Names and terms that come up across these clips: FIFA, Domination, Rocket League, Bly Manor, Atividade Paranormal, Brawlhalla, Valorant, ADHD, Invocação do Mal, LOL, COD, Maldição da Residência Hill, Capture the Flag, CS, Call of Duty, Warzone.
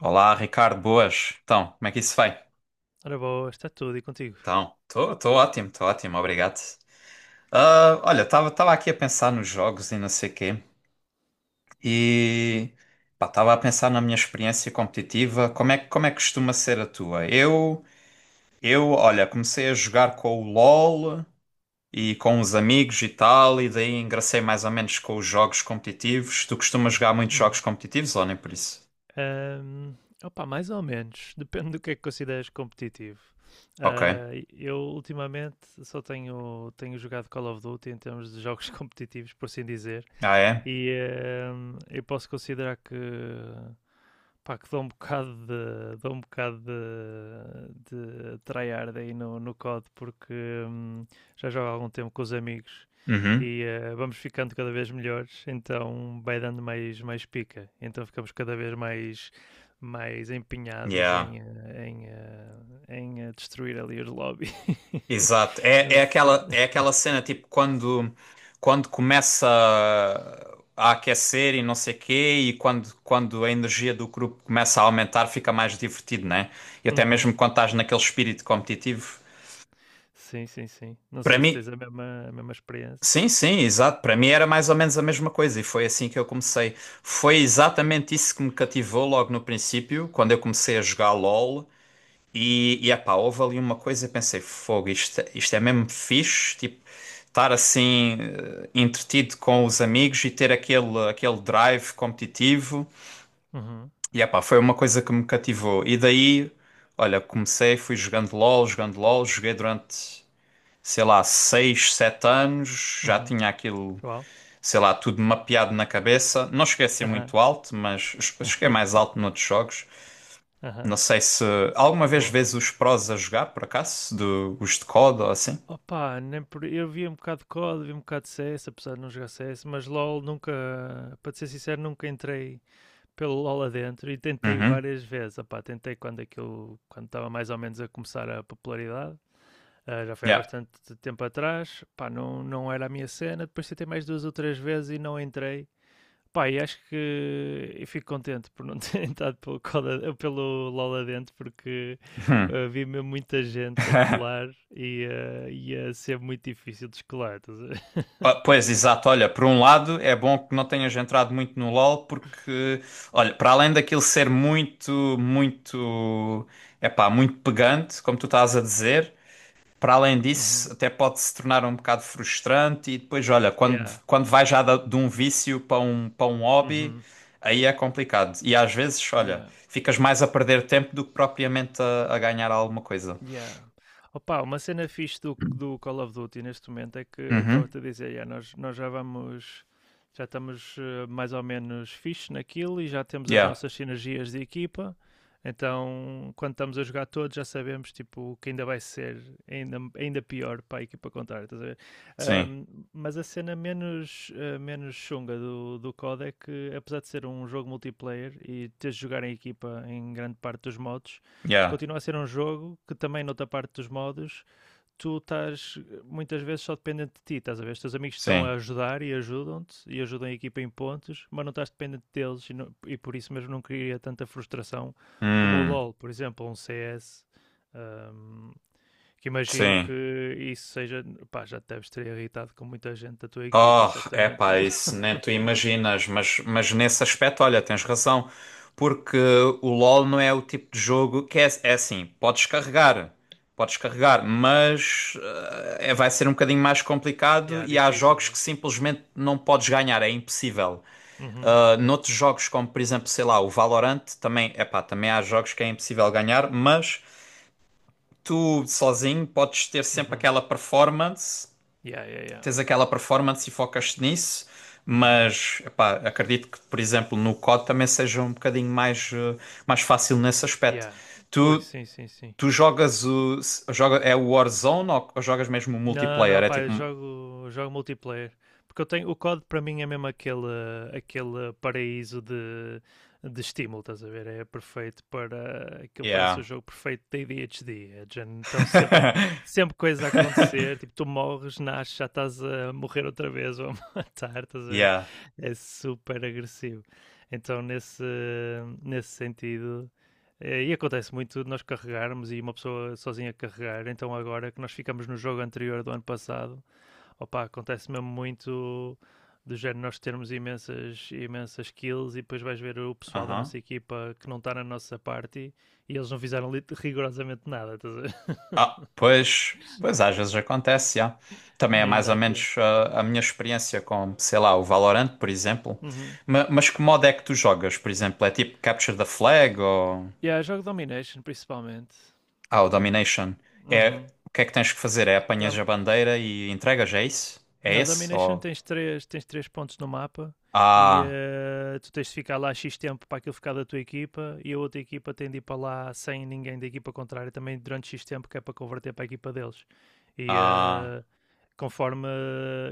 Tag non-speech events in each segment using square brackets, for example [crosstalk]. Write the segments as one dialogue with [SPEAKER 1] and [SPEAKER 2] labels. [SPEAKER 1] Olá, Ricardo, boas. Então, como é que isso vai?
[SPEAKER 2] Ora boa, está tudo e contigo?
[SPEAKER 1] Então, estou ótimo, obrigado. Olha, estava aqui a pensar nos jogos e não sei quê, e estava a pensar na minha experiência competitiva, como é, como é que costuma ser a tua? Olha, comecei a jogar com o LOL e com os amigos e tal, e daí engracei mais ou menos com os jogos competitivos. Tu costumas jogar muitos jogos
[SPEAKER 2] Uhum.
[SPEAKER 1] competitivos ou nem por isso?
[SPEAKER 2] Ahm, Opa, mais ou menos, [laughs] depende do que é que consideras competitivo.
[SPEAKER 1] Ok.
[SPEAKER 2] Ah, eu ultimamente tenho jogado Call of Duty em termos de jogos [laughs] competitivos, por assim dizer,
[SPEAKER 1] Ah, é?
[SPEAKER 2] e eu posso considerar que pá, que dá um bocado de tryhard aí no, no COD, porque hum, já jogo há algum tempo com os amigos
[SPEAKER 1] Uhum.
[SPEAKER 2] e vamos ficando cada vez melhores, então vai dando mais pica, então ficamos cada vez mais, mais empenhados
[SPEAKER 1] Yeah.
[SPEAKER 2] em destruir ali os lobbies.
[SPEAKER 1] Exato.
[SPEAKER 2] [laughs]
[SPEAKER 1] É,
[SPEAKER 2] Não sei.
[SPEAKER 1] é aquela cena tipo quando, quando começa a aquecer e não sei quê, e quando, quando a energia do grupo começa a aumentar, fica mais divertido, né? E até mesmo
[SPEAKER 2] Uhum.
[SPEAKER 1] quando estás naquele espírito competitivo.
[SPEAKER 2] Sim, sim, sim. Não
[SPEAKER 1] Para
[SPEAKER 2] sei se
[SPEAKER 1] mim,
[SPEAKER 2] tens a mesma experiência.
[SPEAKER 1] sim, sim, exato. Para mim era mais ou menos a mesma coisa, e foi assim que eu comecei. Foi exatamente isso que me cativou logo no princípio, quando eu comecei a jogar LOL. E epá, houve ali uma coisa, eu pensei, fogo, isto é mesmo fixe, tipo, estar assim entretido com os amigos e ter aquele, aquele drive competitivo.
[SPEAKER 2] Uhum.
[SPEAKER 1] E epá, foi uma coisa que me cativou. E daí, olha, comecei, fui jogando LOL, joguei durante, sei lá, 6 7 anos, já
[SPEAKER 2] Uhum.
[SPEAKER 1] tinha aquilo,
[SPEAKER 2] Uau.
[SPEAKER 1] sei lá, tudo mapeado na cabeça. Não cheguei a ser
[SPEAKER 2] Aham.
[SPEAKER 1] muito alto, mas cheguei mais
[SPEAKER 2] [laughs]
[SPEAKER 1] alto noutros jogos.
[SPEAKER 2] Aham.
[SPEAKER 1] Não sei se alguma vez
[SPEAKER 2] Boa.
[SPEAKER 1] vês os prós a jogar, por acaso, do, os de COD ou assim.
[SPEAKER 2] Opa, nem por... Eu vi um bocado de COD, vi um bocado de C s, apesar de não jogar C s, mas LOL nunca, para te ser sincero, nunca entrei pelo LOL adentro e tentei
[SPEAKER 1] Uhum.
[SPEAKER 2] várias vezes. Opa, tentei quando aquilo, quando estava mais ou menos a começar a popularidade. Ah, já foi há
[SPEAKER 1] Yeah.
[SPEAKER 2] bastante tempo atrás, pá, não, não era a minha cena. Depois tentei mais duas ou três vezes e não entrei. Pá, e acho que eu fico contente por não ter [laughs] entrado pelo Coda, pelo LOL adentro, porque
[SPEAKER 1] Hum.
[SPEAKER 2] vi mesmo muita gente a colar
[SPEAKER 1] [laughs]
[SPEAKER 2] e ia ser muito difícil de descolar. Estás a ver? [laughs]
[SPEAKER 1] Pois, exato. Olha, por um lado é bom que não tenhas entrado muito no LoL porque, olha, para além daquilo ser muito, muito, é pá, muito pegante, como tu estás a dizer, para além disso,
[SPEAKER 2] Uhum.
[SPEAKER 1] até pode se tornar um bocado frustrante e depois, olha, quando,
[SPEAKER 2] Yeah.
[SPEAKER 1] quando vai já de um vício para um hobby,
[SPEAKER 2] Uhum.
[SPEAKER 1] aí é complicado. E às vezes, olha,
[SPEAKER 2] Yeah.
[SPEAKER 1] ficas mais a perder tempo do que propriamente a ganhar alguma coisa.
[SPEAKER 2] Yeah. Opa, uma cena fixe do Call of Duty neste momento é que
[SPEAKER 1] Uhum.
[SPEAKER 2] estava-te a dizer, yeah, nós já vamos, já estamos mais ou menos fixe naquilo e já temos as
[SPEAKER 1] Yeah.
[SPEAKER 2] nossas sinergias de equipa. Então, quando estamos a jogar todos, já sabemos tipo, que ainda vai ser ainda, pior para a equipa contrária. Estás a ver?
[SPEAKER 1] Sim.
[SPEAKER 2] Ahm, mas a cena menos, menos chunga do COD é que, apesar de ser um jogo multiplayer e teres de jogar em equipa em grande parte dos modos,
[SPEAKER 1] Yeah.
[SPEAKER 2] continua a ser um jogo que também, noutra parte dos modos, tu estás muitas vezes só dependente de ti, estás a ver? Os teus amigos estão a
[SPEAKER 1] Sim.
[SPEAKER 2] ajudar e ajudam-te e ajudam a equipa em pontos, mas não estás dependente deles e, não- e por isso mesmo não cria tanta frustração como o
[SPEAKER 1] Hum.
[SPEAKER 2] LoL, por exemplo, ou um CS. hum, que imagino
[SPEAKER 1] Sim.
[SPEAKER 2] que isso seja, pá, já te deves ter irritado com muita gente da tua equipa,
[SPEAKER 1] Oh,
[SPEAKER 2] certamente, no
[SPEAKER 1] epá,
[SPEAKER 2] LoL.
[SPEAKER 1] isso
[SPEAKER 2] [laughs]
[SPEAKER 1] nem tu imaginas, mas nesse aspecto, olha, tens razão, porque o LoL não é o tipo de jogo que é, é assim, podes carregar, mas é, vai ser um bocadinho mais complicado
[SPEAKER 2] Yeah,
[SPEAKER 1] e há
[SPEAKER 2] difícil,
[SPEAKER 1] jogos
[SPEAKER 2] né?
[SPEAKER 1] que simplesmente não podes ganhar, é impossível.
[SPEAKER 2] Uhum,
[SPEAKER 1] Noutros jogos, como por exemplo, sei lá, o Valorant, também, epá, também há jogos que é impossível ganhar, mas tu sozinho podes ter sempre
[SPEAKER 2] uhum.
[SPEAKER 1] aquela performance,
[SPEAKER 2] Yeah, yeah, yeah.
[SPEAKER 1] tens aquela performance e focas-te nisso,
[SPEAKER 2] Uhum.
[SPEAKER 1] mas epá, acredito que, por exemplo, no COD também seja um bocadinho mais, mais fácil nesse aspecto.
[SPEAKER 2] Yeah. Ui,
[SPEAKER 1] Tu,
[SPEAKER 2] sim, sim, sim.
[SPEAKER 1] tu jogas o. Joga, é o Warzone ou jogas mesmo o
[SPEAKER 2] Não,
[SPEAKER 1] multiplayer?
[SPEAKER 2] não,
[SPEAKER 1] É
[SPEAKER 2] pá,
[SPEAKER 1] tipo.
[SPEAKER 2] jogo multiplayer. Porque eu tenho, o código para mim é mesmo aquele, aquele paraíso de estímulo, estás a ver? É perfeito para. Aquilo parece
[SPEAKER 1] Yeah.
[SPEAKER 2] o jogo perfeito da ADHD. É de género, então sempre,
[SPEAKER 1] [laughs]
[SPEAKER 2] sempre coisa a acontecer, tipo, tu morres, nasces, já estás a morrer outra vez ou a [laughs] matar, estás a ver?
[SPEAKER 1] Yeah.
[SPEAKER 2] É super agressivo. Então nesse, nesse sentido. E acontece muito de nós carregarmos e uma pessoa sozinha carregar. Então, agora que nós ficamos no jogo anterior do ano passado, opa, acontece mesmo muito do género nós termos imensas kills e depois vais ver o pessoal da
[SPEAKER 1] Aham.
[SPEAKER 2] nossa equipa que não está na nossa party e eles não fizeram rigorosamente nada, estás a ver? [laughs]
[SPEAKER 1] Pois. Pois às vezes acontece, yeah. Também é
[SPEAKER 2] Nem
[SPEAKER 1] mais ou
[SPEAKER 2] dá tempo.
[SPEAKER 1] menos a minha experiência com, sei lá, o Valorant, por exemplo.
[SPEAKER 2] Uhum.
[SPEAKER 1] Mas, que modo é que tu jogas, por exemplo? É tipo Capture the Flag ou.
[SPEAKER 2] E yeah, jogo Domination principalmente.
[SPEAKER 1] Ah, o
[SPEAKER 2] Yeah.
[SPEAKER 1] Domination. É,
[SPEAKER 2] Uhum.
[SPEAKER 1] o que é que tens que fazer? É apanhas
[SPEAKER 2] Dá-
[SPEAKER 1] a bandeira e entregas, é isso? É
[SPEAKER 2] Não,
[SPEAKER 1] esse?
[SPEAKER 2] Domination
[SPEAKER 1] Ou...
[SPEAKER 2] tens tens três pontos no mapa e
[SPEAKER 1] Ah,
[SPEAKER 2] tu tens de ficar lá X tempo para aquilo ficar da tua equipa e a outra equipa tem de ir para lá sem ninguém da equipa contrária também durante X tempo que é para converter para a equipa deles. E
[SPEAKER 1] ah,
[SPEAKER 2] conforme,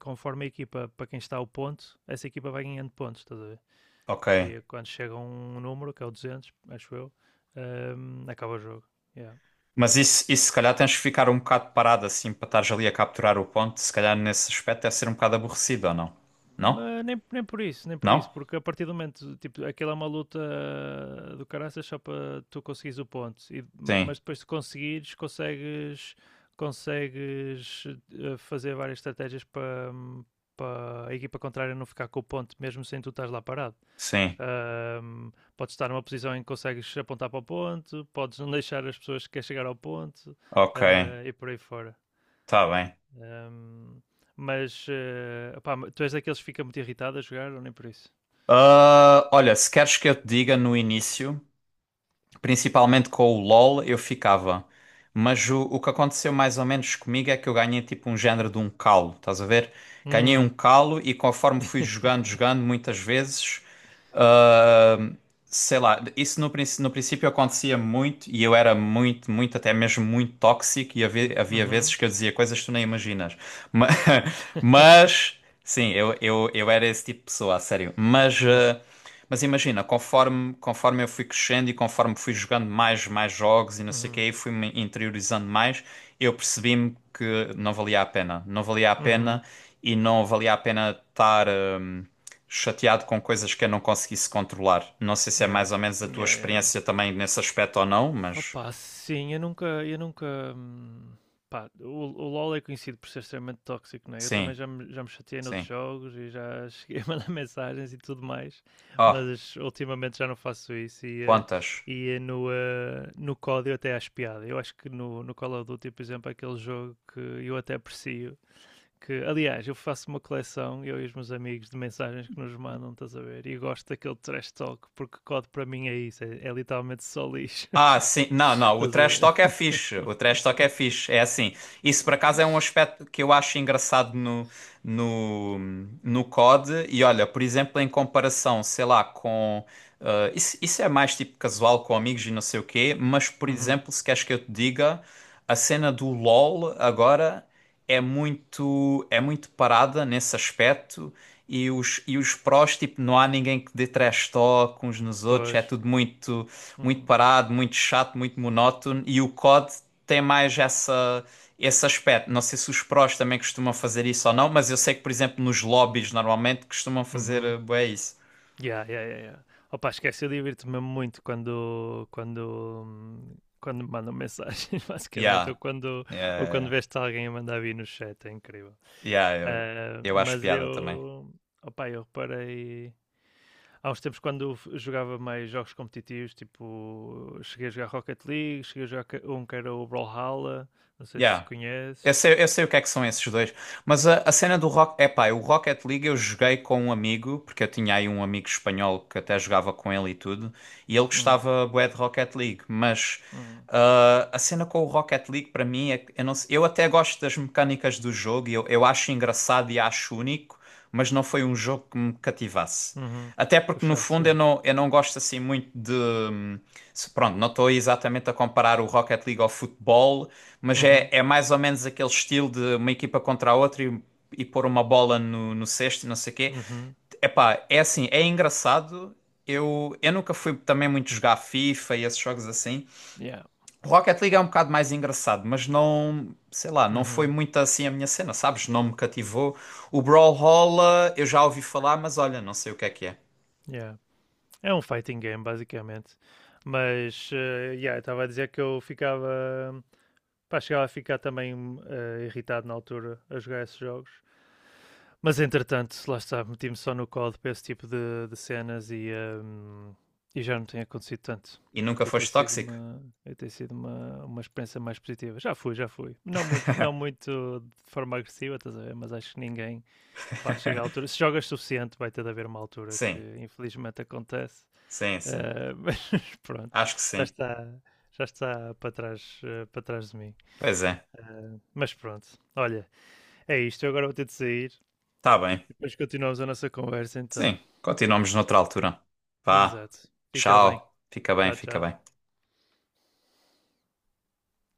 [SPEAKER 2] conforme a equipa, para quem está o ponto, essa equipa vai ganhando pontos, estás a ver?
[SPEAKER 1] ok.
[SPEAKER 2] E quando chega um número, que é o 200, acho eu, acaba o jogo. Yeah.
[SPEAKER 1] Mas isso se calhar tens que ficar um bocado parado assim para estares ali a capturar o ponto. Se calhar nesse aspecto deve ser um bocado aborrecido, ou não? Não?
[SPEAKER 2] Mas nem, nem por isso, nem por
[SPEAKER 1] Não?
[SPEAKER 2] isso, porque a partir do momento, tipo, aquela é uma luta do caraças só para tu conseguires o ponto, e,
[SPEAKER 1] Sim,
[SPEAKER 2] mas depois de conseguires, consegues fazer várias estratégias para a equipa contrária não ficar com o ponto, mesmo sem tu estás lá parado.
[SPEAKER 1] sim.
[SPEAKER 2] Ahm, Podes estar numa posição em que consegues apontar para o ponto, podes não deixar as pessoas que querem chegar ao ponto,
[SPEAKER 1] Ok,
[SPEAKER 2] ah, e por aí fora.
[SPEAKER 1] tá bem.
[SPEAKER 2] Ahm, Opá, tu és daqueles que fica muito irritado a jogar ou nem por isso?
[SPEAKER 1] Olha, se queres que eu te diga no início, principalmente com o LoL, eu ficava. Mas o que aconteceu mais ou menos comigo é que eu ganhei tipo um género de um calo, estás a ver? Ganhei um
[SPEAKER 2] Hum.
[SPEAKER 1] calo e conforme fui jogando,
[SPEAKER 2] [laughs]
[SPEAKER 1] jogando, muitas vezes, ah, sei lá, isso no, no princípio acontecia muito e eu era muito, muito, até mesmo muito tóxico e havia, havia vezes
[SPEAKER 2] Uhum.
[SPEAKER 1] que eu dizia coisas que tu nem imaginas. Ma- [laughs]
[SPEAKER 2] [laughs]
[SPEAKER 1] Mas, sim, eu era esse tipo de pessoa, a sério. Mas.
[SPEAKER 2] Mas,
[SPEAKER 1] Mas imagina, conforme, conforme eu fui crescendo e conforme fui jogando mais, mais jogos e não sei o quê,
[SPEAKER 2] uhum.
[SPEAKER 1] e fui-me interiorizando mais, eu percebi-me que não valia a pena. Não valia a pena
[SPEAKER 2] Uhum.
[SPEAKER 1] e não valia a pena estar chateado com coisas que eu não conseguisse controlar. Não sei se é
[SPEAKER 2] Yeah.
[SPEAKER 1] mais ou menos a tua
[SPEAKER 2] Yeah, yeah.
[SPEAKER 1] experiência também nesse aspecto ou não, mas
[SPEAKER 2] Opa, sim, eu nunca, hum, pá, o LoL é conhecido por ser extremamente tóxico, né? Eu também
[SPEAKER 1] sim,
[SPEAKER 2] já me chateei noutros
[SPEAKER 1] sim.
[SPEAKER 2] jogos e já [laughs] cheguei a mandar mensagens e tudo mais,
[SPEAKER 1] Oh,
[SPEAKER 2] mas ultimamente já não faço isso e,
[SPEAKER 1] quantas?
[SPEAKER 2] no código até acho piada. Eu acho que no Call of Duty, por exemplo, é aquele jogo que eu até aprecio, que, aliás, eu faço uma coleção, eu e os meus amigos, de mensagens que nos mandam, estás a ver? E gosto daquele trash talk, porque código para mim é isso, é, é literalmente só lixo.
[SPEAKER 1] Ah,
[SPEAKER 2] [laughs]
[SPEAKER 1] sim. Não, não. O
[SPEAKER 2] Estás a
[SPEAKER 1] trash
[SPEAKER 2] ver?
[SPEAKER 1] talk é fixe. O trash talk é fixe. É assim. Isso, por acaso, é um aspecto que eu acho engraçado no, no COD. E olha, por exemplo, em comparação, sei lá, com. Isso, isso é mais tipo casual com amigos e não sei o quê. Mas, por
[SPEAKER 2] Uhum,
[SPEAKER 1] exemplo, se queres que eu te diga, a cena do LOL agora é muito parada nesse aspecto. E os prós, tipo, não há ninguém que dê trash talk uns nos outros. É
[SPEAKER 2] pois.
[SPEAKER 1] tudo muito muito
[SPEAKER 2] Uhum,
[SPEAKER 1] parado, muito chato, muito monótono e o COD tem mais essa esse aspecto. Não sei se os prós também costumam fazer isso ou não, mas eu sei que, por exemplo, nos lobbies normalmente costumam fazer
[SPEAKER 2] uhum.
[SPEAKER 1] bué isso.
[SPEAKER 2] Yeah, yeah, yeah, yeah. Opa, esquece, eu divirto-me muito quando me mandam mensagens, [laughs] basicamente,
[SPEAKER 1] Yeah.
[SPEAKER 2] ou quando
[SPEAKER 1] Yeah,
[SPEAKER 2] veste alguém a mandar vir no chat, é incrível.
[SPEAKER 1] yeah, yeah,
[SPEAKER 2] Ah,
[SPEAKER 1] eu acho
[SPEAKER 2] mas
[SPEAKER 1] piada também.
[SPEAKER 2] eu, opa, eu reparei... Há uns tempos, quando jogava mais jogos competitivos, tipo, cheguei a jogar Rocket League, cheguei a jogar um que era o Brawlhalla, não sei se
[SPEAKER 1] Yeah.
[SPEAKER 2] conheces.
[SPEAKER 1] Eu sei o que é que são esses dois, mas a cena do Rock, epá, o Rocket League eu joguei com um amigo, porque eu tinha aí um amigo espanhol que até jogava com ele e tudo, e ele
[SPEAKER 2] Uhum,
[SPEAKER 1] gostava bué de Rocket League, mas
[SPEAKER 2] uhum,
[SPEAKER 1] a cena com o Rocket League para mim é que eu não eu até gosto das mecânicas do jogo, e eu acho engraçado e acho único, mas não foi um jogo que me cativasse.
[SPEAKER 2] uhum.
[SPEAKER 1] Até porque no
[SPEAKER 2] Puxasse,
[SPEAKER 1] fundo
[SPEAKER 2] yeah.
[SPEAKER 1] eu não gosto assim muito de. Pronto, não estou exatamente a comparar o Rocket League ao futebol, mas é,
[SPEAKER 2] Uhum,
[SPEAKER 1] é mais ou menos aquele estilo de uma equipa contra a outra e pôr uma bola no, no cesto e não sei o quê.
[SPEAKER 2] uhum.
[SPEAKER 1] Epá, é assim, é engraçado. Eu nunca fui também muito jogar FIFA e esses jogos assim.
[SPEAKER 2] Yeah.
[SPEAKER 1] Rocket League é um bocado mais engraçado, mas não, sei lá, não foi
[SPEAKER 2] Uhum.
[SPEAKER 1] muito assim a minha cena, sabes? Não me cativou. O Brawlhalla eu já ouvi falar, mas olha, não sei o que é que é.
[SPEAKER 2] Yeah. É um fighting game, basicamente. Mas, yeah, estava a dizer que eu ficava. Pá, chegava a ficar também irritado na altura a jogar esses jogos. Mas, entretanto, lá está, meti-me só no código para esse tipo de cenas e já não tem acontecido tanto.
[SPEAKER 1] E nunca
[SPEAKER 2] E
[SPEAKER 1] foste tóxico?
[SPEAKER 2] e tem sido uma experiência mais positiva. Já fui. Não muito de forma agressiva, estás a ver? Mas acho que ninguém pá, chega a altura,
[SPEAKER 1] [laughs]
[SPEAKER 2] se jogas suficiente, vai ter de haver uma altura que
[SPEAKER 1] Sim,
[SPEAKER 2] infelizmente acontece,
[SPEAKER 1] sim, sim.
[SPEAKER 2] mas [laughs] pronto,
[SPEAKER 1] Acho que
[SPEAKER 2] já
[SPEAKER 1] sim.
[SPEAKER 2] está, já está para trás, para trás de mim.
[SPEAKER 1] Pois é.
[SPEAKER 2] Mas pronto, olha, é isto. Eu agora vou ter de sair,
[SPEAKER 1] Tá bem.
[SPEAKER 2] depois continuamos a nossa conversa então.
[SPEAKER 1] Sim, continuamos noutra altura. Vá,
[SPEAKER 2] Exato, fica bem.
[SPEAKER 1] tchau, fica bem,
[SPEAKER 2] Tchau,
[SPEAKER 1] fica
[SPEAKER 2] tchau.
[SPEAKER 1] bem.